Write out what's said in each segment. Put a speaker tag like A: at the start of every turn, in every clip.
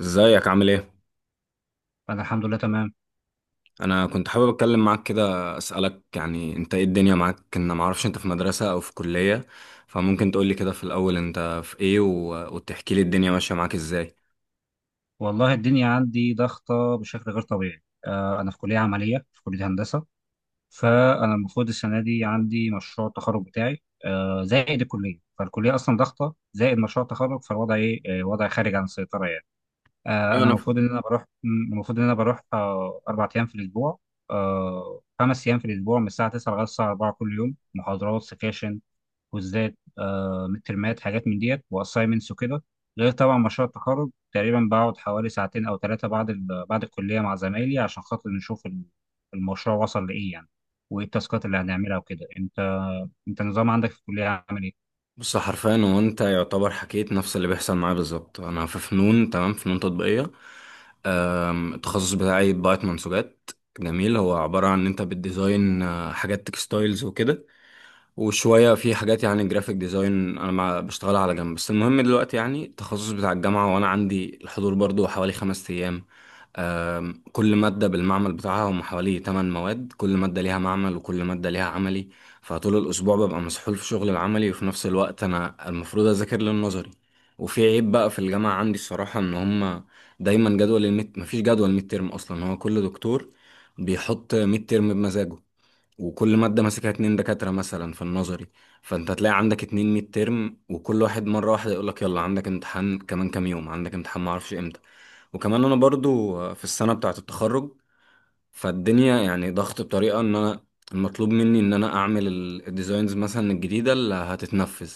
A: ازيك عامل ايه؟
B: أنا الحمد لله تمام.
A: انا كنت حابب اتكلم معاك كده، اسالك يعني انت ايه الدنيا معاك، ان ما اعرفش انت في مدرسه او في كليه. فممكن تقول لي كده في الاول انت في ايه وتحكي لي الدنيا ماشيه معاك ازاي.
B: والله الدنيا عندي ضغطة بشكل غير طبيعي. أنا في كلية عملية، في كلية هندسة. فأنا المفروض السنة دي عندي مشروع التخرج بتاعي، زائد الكلية، فالكلية أصلا ضغطة زائد مشروع التخرج، فالوضع إيه، وضع خارج عن السيطرة يعني.
A: ايوه،
B: أنا المفروض إن أنا بروح المفروض إن أنا بروح، أربع أيام في الأسبوع، خمس أيام في الأسبوع، من الساعة 9 لغاية الساعة 4 كل يوم، محاضرات، سكاشن، كوزات مترمات، حاجات من ديت، واسايمنتس وكده. غير طبعا مشروع التخرج، تقريبا بقعد حوالي ساعتين او ثلاثه بعد بعد الكليه مع زمايلي عشان خاطر نشوف المشروع وصل لايه يعني، وايه التاسكات اللي هنعملها وكده. انت النظام عندك في الكليه عامل ايه؟
A: بص، حرفيا هو انت يعتبر حكيت نفس اللي بيحصل معايا بالظبط. انا في فنون، تمام، فنون تطبيقيه. التخصص بتاعي بضاعه منسوجات، جميل. هو عباره عن ان انت بتديزاين حاجات تكستايلز وكده، وشوية في حاجات يعني جرافيك ديزاين أنا مع بشتغلها على جنب. بس المهم دلوقتي يعني التخصص بتاع الجامعة، وأنا عندي الحضور برضو حوالي 5 أيام. كل مادة بالمعمل بتاعها، هم حوالي تمن مواد، كل مادة ليها معمل وكل مادة ليها عملي. فطول الأسبوع ببقى مسحول في شغل العملي، وفي نفس الوقت أنا المفروض أذاكر للنظري. وفي عيب بقى في الجامعة عندي الصراحة، إن هم دايما جدول الميد مفيش جدول ميد ترم أصلا، هو كل دكتور بيحط ميد ترم بمزاجه. وكل مادة ماسكها اتنين دكاترة مثلا في النظري، فانت هتلاقي عندك اتنين ميد ترم، وكل واحد مرة واحدة يقولك يلا عندك امتحان كمان كام يوم، عندك امتحان معرفش امتى. وكمان انا برضو في السنة بتاعة التخرج، فالدنيا يعني ضغط بطريقة ان انا المطلوب مني ان انا اعمل الديزاينز مثلا الجديدة اللي هتتنفذ،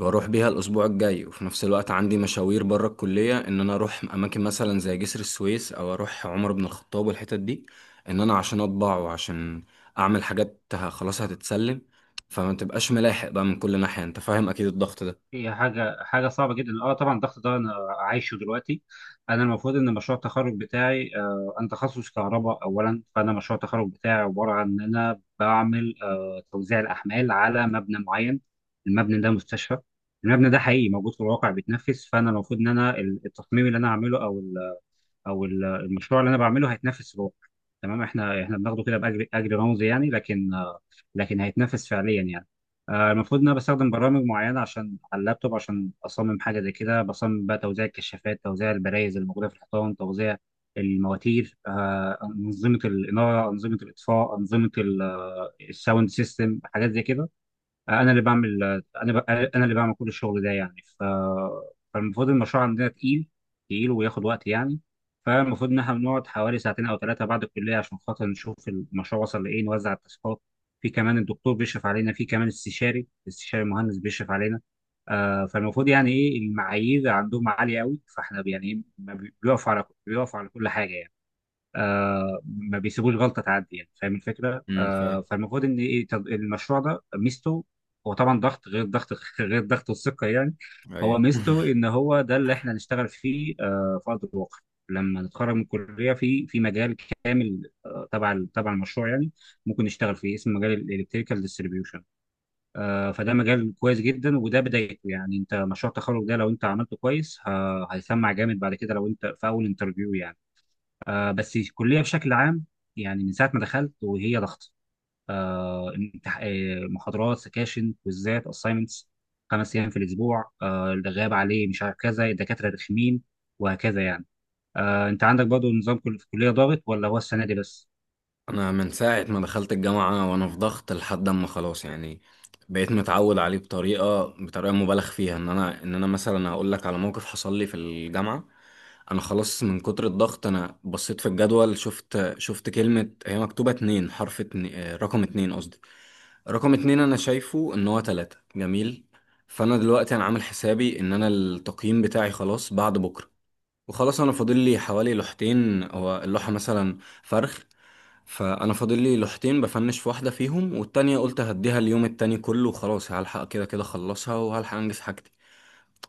A: واروح بيها الاسبوع الجاي. وفي نفس الوقت عندي مشاوير بره الكليه، ان انا اروح اماكن مثلا زي جسر السويس او اروح عمر بن الخطاب والحتت دي، ان انا عشان اطبع وعشان اعمل حاجات خلاص هتتسلم، فما تبقاش ملاحق بقى من كل ناحيه. انت فاهم اكيد الضغط ده؟
B: هي حاجة صعبة جدا، طبعا الضغط ده انا عايشه دلوقتي. انا المفروض ان مشروع التخرج بتاعي، انا تخصص كهرباء اولا، فانا مشروع التخرج بتاعي عبارة عن ان انا بعمل توزيع الاحمال على مبنى معين. المبنى ده مستشفى، المبنى ده حقيقي موجود في الواقع بيتنفس، فانا المفروض ان انا التصميم اللي انا هعمله او المشروع اللي انا بعمله هيتنافس، روح. تمام، احنا بناخده كده باجر، اجر رمزي يعني، لكن، لكن هيتنافس فعليا يعني. المفروض ان انا بستخدم برامج معينه عشان، على اللابتوب، عشان اصمم حاجه زي كده. بصمم بقى توزيع الكشافات، توزيع البرايز اللي موجوده في الحيطان، توزيع المواتير، انظمه الاناره، انظمه الاطفاء، انظمه الساوند سيستم، حاجات زي كده. انا اللي بعمل، انا اللي بعمل كل الشغل ده يعني، فالمفروض المشروع عندنا تقيل، تقيل وياخد وقت يعني. فالمفروض ان احنا بنقعد حوالي ساعتين او ثلاثه بعد الكليه عشان خاطر نشوف المشروع وصل لايه، نوزع التاسكات. في كمان الدكتور بيشرف علينا، في كمان استشاري، المهندس بيشرف علينا. فالمفروض يعني ايه، المعايير عندهم عاليه قوي، فاحنا يعني إيه، ما بي- بيقفوا على كل حاجه يعني. ما بيسيبوش غلطه تعدي يعني، فاهم الفكره.
A: امم، فاهم.
B: فالمفروض ان ايه، طب المشروع ده ميزته، هو طبعا ضغط غير ضغط غير ضغط الثقه يعني. هو
A: ايوه،
B: ميزته ان هو ده اللي احنا هنشتغل فيه، في ارض الواقع لما نتخرج من الكليه، في مجال كامل، تبع المشروع يعني، ممكن نشتغل فيه، اسمه مجال الالكتريكال ديستريبيوشن. فده مجال كويس جدا، وده بدايته يعني. انت مشروع التخرج ده لو انت عملته كويس، هيسمع جامد بعد كده لو انت في اول انترفيو يعني. بس الكليه بشكل عام، يعني من ساعه ما دخلت وهي ضغط، محاضرات، سكاشن، كويزات، اساينمنتس، خمس ايام في الاسبوع. اللي غاب عليه مش عارف كذا، الدكاتره رخمين وهكذا يعني. انت عندك برضه نظام، كل في الكليه ضاغط ولا هو السنه دي بس؟
A: انا من ساعه ما دخلت الجامعه وانا في ضغط لحد اما خلاص، يعني بقيت متعود عليه بطريقه مبالغ فيها. ان انا مثلا هقول لك على موقف حصل لي في الجامعه. انا خلاص من كتر الضغط انا بصيت في الجدول، شفت كلمه هي مكتوبه اتنين، حرف اتنين، رقم اتنين قصدي، رقم اتنين، انا شايفه ان هو تلاتة، جميل. فانا دلوقتي انا عامل حسابي ان انا التقييم بتاعي خلاص بعد بكره، وخلاص انا فاضل لي حوالي لوحتين، هو اللوحه مثلا فرخ. فانا فاضل لي لوحتين، بفنش في واحده فيهم، والتانية قلت هديها اليوم التاني كله وخلاص هلحق، كده كده اخلصها وهلحق انجز حاجتي.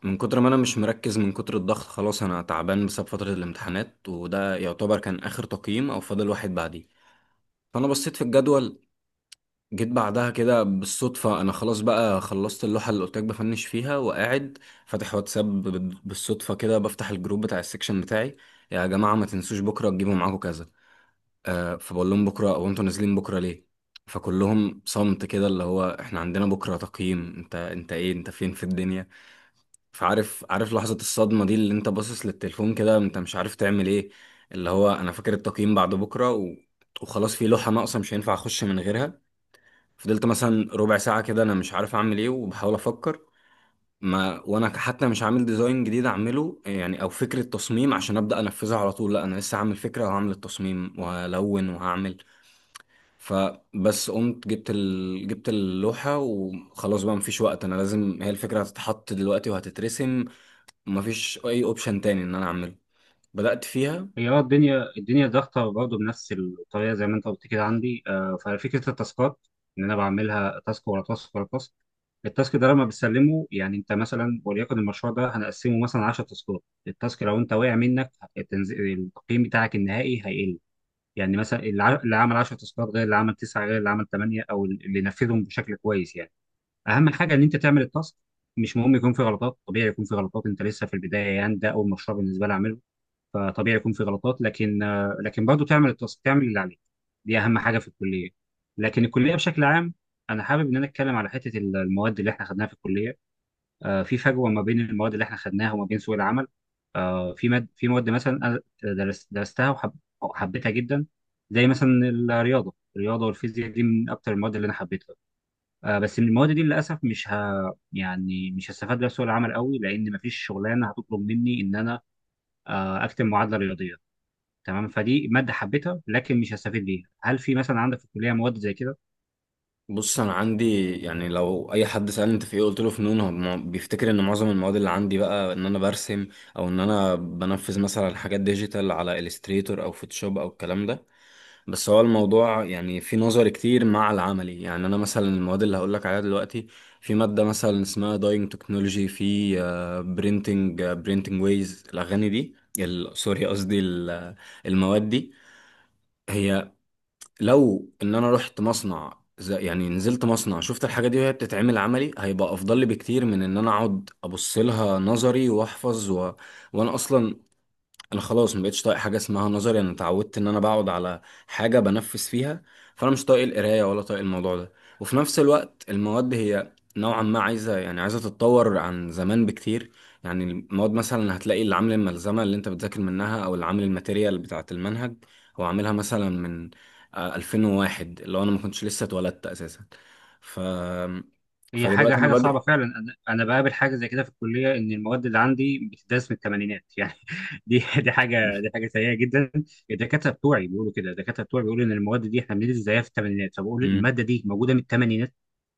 A: من كتر ما انا مش مركز، من كتر الضغط خلاص انا تعبان بسبب فتره الامتحانات، وده يعتبر كان اخر تقييم او فاضل واحد بعديه. فانا بصيت في الجدول، جيت بعدها كده بالصدفه، انا خلاص بقى خلصت اللوحه اللي قلت لك بفنش فيها وقاعد فاتح واتساب، بالصدفه كده بفتح الجروب بتاع السكشن بتاعي. يا جماعه، ما تنسوش بكره تجيبوا معاكم كذا، فبقول لهم بكره، او انتوا نازلين بكره ليه؟ فكلهم صمت كده، اللي هو احنا عندنا بكره تقييم، انت ايه، انت فين في الدنيا؟ فعارف، عارف لحظه الصدمه دي، اللي انت باصص للتليفون كده انت مش عارف تعمل ايه. اللي هو انا فاكر التقييم بعد بكره، وخلاص في لوحه ناقصه مش هينفع اخش من غيرها. فضلت مثلا ربع ساعه كده انا مش عارف اعمل ايه وبحاول افكر. ما وانا حتى مش عامل ديزاين جديد اعمله يعني، او فكره تصميم عشان ابدا انفذها على طول، لا انا لسه هعمل فكره وهعمل التصميم وهلون وهعمل. فبس قمت جبت اللوحة، وخلاص بقى مفيش وقت، انا لازم، هي الفكرة هتتحط دلوقتي وهتترسم، مفيش اي اوبشن تاني ان انا اعمله. بدأت فيها.
B: هي، الدنيا ضغطة برضه بنفس الطريقة زي ما انت قلت كده. عندي ففكرة التاسكات ان انا بعملها تاسك ورا تاسك ورا تاسك. التاسك ده لما بتسلمه يعني، انت مثلا وليكن المشروع ده هنقسمه مثلا 10 تاسكات، التاسك لو انت وقع منك، التقييم بتاعك النهائي هيقل. يعني مثلا اللي عمل 10 تاسكات غير اللي عمل 9 غير اللي عمل 8، او اللي نفذهم بشكل كويس يعني. اهم حاجة ان انت تعمل التاسك، مش مهم يكون في غلطات، طبيعي يكون في غلطات، انت لسه في البداية يعني، ده اول مشروع بالنسبة لي اعمله، فطبيعي يكون في غلطات، لكن، لكن برضه تعمل تعمل اللي عليك، دي اهم حاجه في الكليه. لكن الكليه بشكل عام، انا حابب ان انا اتكلم على حته المواد اللي احنا خدناها في الكليه. في فجوه ما بين المواد اللي احنا خدناها وما بين سوق العمل. في مواد مثلا انا درستها وحبيتها جدا، زي مثلا الرياضه والفيزياء، دي من اكتر المواد اللي انا حبيتها. بس من المواد دي للاسف مش ه... يعني مش هستفاد بيها في سوق العمل قوي، لان مفيش شغلانه هتطلب مني ان انا، اكتب معادله رياضيه. تمام، فدي ماده حبيتها لكن مش هستفيد بيها. هل في مثلا عندك في الكليه مواد زي كده؟
A: بص، انا عندي يعني لو اي حد سالني انت في ايه قلت له فنون، هو بيفتكر ان معظم المواد اللي عندي بقى ان انا برسم، او ان انا بنفذ مثلا حاجات ديجيتال على الستريتور او فوتوشوب او الكلام ده. بس هو الموضوع يعني في نظر كتير مع العملي. يعني انا مثلا المواد اللي هقول لك عليها دلوقتي، في ماده مثلا اسمها داينج تكنولوجي، في برينتنج ويز الاغاني دي، سوري قصدي المواد دي، هي لو ان انا رحت مصنع يعني نزلت مصنع شفت الحاجة دي وهي بتتعمل عملي، هيبقى افضل لي بكتير من ان انا اقعد ابص لها نظري واحفظ. وانا اصلا انا خلاص ما بقتش طايق حاجه اسمها نظري، انا اتعودت ان انا بقعد على حاجه بنفذ فيها، فانا مش طايق القرايه ولا طايق الموضوع ده. وفي نفس الوقت المواد هي نوعا ما عايزه، يعني عايزه تتطور عن زمان بكتير. يعني المواد مثلا هتلاقي اللي عامل الملزمه اللي انت بتذاكر منها، او اللي عامل الماتيريال بتاعه المنهج، هو عاملها مثلا من 2001، اللي هو انا ما كنتش لسه اتولدت اساسا. ف
B: هي حاجه
A: فدلوقتي انا
B: حاجه صعبه
A: بادئ.
B: فعلا. انا بقابل حاجه زي كده في الكليه، ان المواد اللي عندي بتدرس من الثمانينات يعني. دي حاجه سيئه جدا. الدكاتره بتوعي بيقولوا كده، الدكاتره بتوعي بيقولوا ان المواد دي احنا بندرس زيها في الثمانينات، فبقول
A: مم.
B: الماده دي موجوده من الثمانينات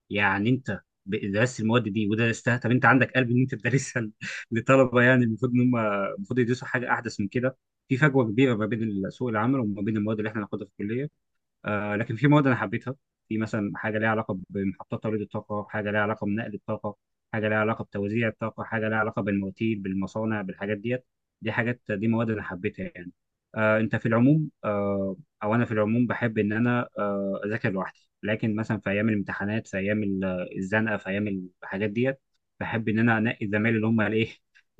B: يعني. انت درست المواد دي ودرستها، طب انت عندك قلب ان انت تدرسها لطلبه؟ يعني المفروض ان هم، المفروض يدرسوا حاجه احدث من كده. في فجوه كبيره ما بين سوق العمل وما بين المواد اللي احنا هناخدها في الكليه. لكن في مواد انا حبيتها. في مثلا حاجه ليها علاقه بمحطات توليد الطاقه، حاجه ليها علاقه بنقل الطاقه، حاجه ليها علاقه بتوزيع الطاقه، حاجه ليها علاقه بالمواتير، بالمصانع، بالحاجات ديت. دي حاجات، دي مواد انا حبيتها يعني. آه انت في العموم آه او انا في العموم بحب ان انا اذاكر لوحدي، لكن مثلا في ايام الامتحانات، في ايام الزنقه، في ايام الحاجات ديت، بحب ان انا انقي الزمايل اللي هم الايه،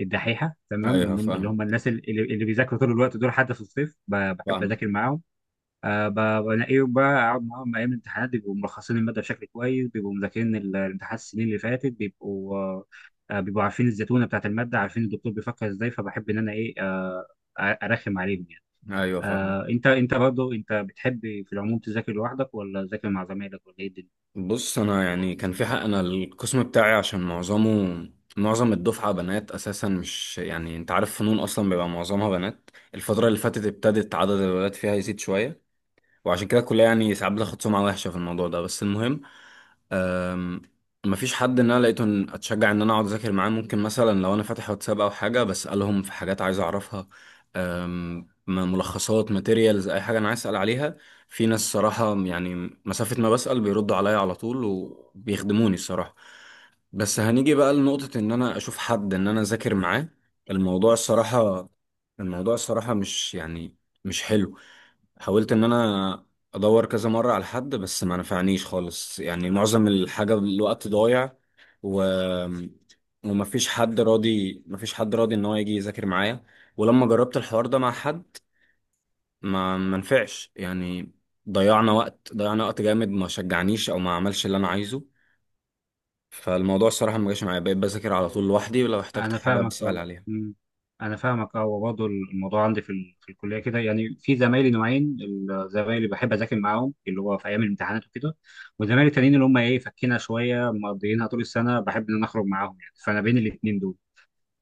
B: الدحيحه، تمام،
A: ايوه،
B: اللي
A: فاهم.
B: هم الناس اللي بيذاكروا طول الوقت، دول حتى في الصيف بحب
A: فاهم.
B: اذاكر معاهم. أه ب- بلاقيهم بقى أقعد معاهم أيام الامتحانات، بيبقوا ملخصين المادة بشكل كويس، بيبقوا مذاكرين الامتحانات السنين اللي فاتت، بيبقوا آه، آه، بيبقوا عارفين الزتونة بتاعت المادة، عارفين الدكتور بيفكر إزاي، فبحب إن أنا إيه، أرخم عليهم يعني.
A: ايوه، فاهم.
B: أه أنت أنت برضه أنت بتحب في العموم تذاكر لوحدك، ولا تذاكر مع زمايلك، ولا إيه الدنيا؟
A: بص، انا يعني كان في حق، انا القسم بتاعي عشان معظم الدفعه بنات اساسا، مش يعني، انت عارف فنون اصلا بيبقى معظمها بنات. الفتره اللي فاتت ابتدت عدد الولاد فيها يزيد شويه، وعشان كده الكليه يعني ساعات بتاخد سمعه وحشه في الموضوع ده. بس المهم، أم، مفيش حد ان انا لقيته اتشجع ان انا اقعد اذاكر معاه. ممكن مثلا لو انا فاتح واتساب او حاجه بسالهم في حاجات عايز اعرفها، أم، ملخصات، ماتيريالز، اي حاجه انا عايز اسال عليها، في ناس صراحه يعني مسافه ما بسال بيردوا عليا على طول وبيخدموني الصراحه. بس هنيجي بقى لنقطه ان انا اشوف حد ان انا اذاكر معاه، الموضوع الصراحه الموضوع الصراحه مش يعني مش حلو. حاولت ان انا ادور كذا مرة على حد بس ما نفعنيش خالص يعني، معظم الحاجة الوقت ضايع، و وما فيش حد راضي، ما فيش حد راضي ان هو يجي يذاكر معايا. ولما جربت الحوار ده مع حد ما نفعش يعني، ضيعنا وقت، ضيعنا وقت جامد، ما شجعنيش او ما عملش اللي انا عايزه. فالموضوع الصراحة ما جاش معايا، بقيت بذاكر على طول لوحدي، ولو احتجت
B: انا
A: حاجة
B: فاهمك،
A: بسأل
B: اه.
A: عليها.
B: أمم. انا فاهمك اه، وبرضه الموضوع عندي في في الكليه كده يعني. في زمايلي نوعين، الزمايل اللي بحب اذاكر معاهم، اللي هو في ايام الامتحانات وكده، وزمايلي التانيين اللي هم ايه، فكينا شويه، مقضيينها طول السنه بحب ان انا اخرج معاهم يعني، فانا بين الاثنين دول.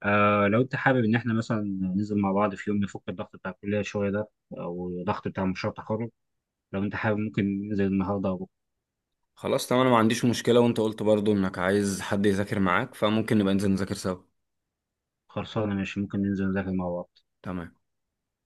B: لو انت حابب ان احنا مثلا ننزل مع بعض في يوم نفك الضغط بتاع الكليه شويه ده، او الضغط بتاع مشروع التخرج، لو انت حابب ممكن ننزل النهارده او بكرة.
A: خلاص، تمام، انا ما عنديش مشكلة، وانت قلت برضو انك عايز حد يذاكر معاك، فممكن نبقى ننزل نذاكر سوا.
B: خلصانه، ماشي، ممكن ننزل نذاكر مع بعض.
A: تمام.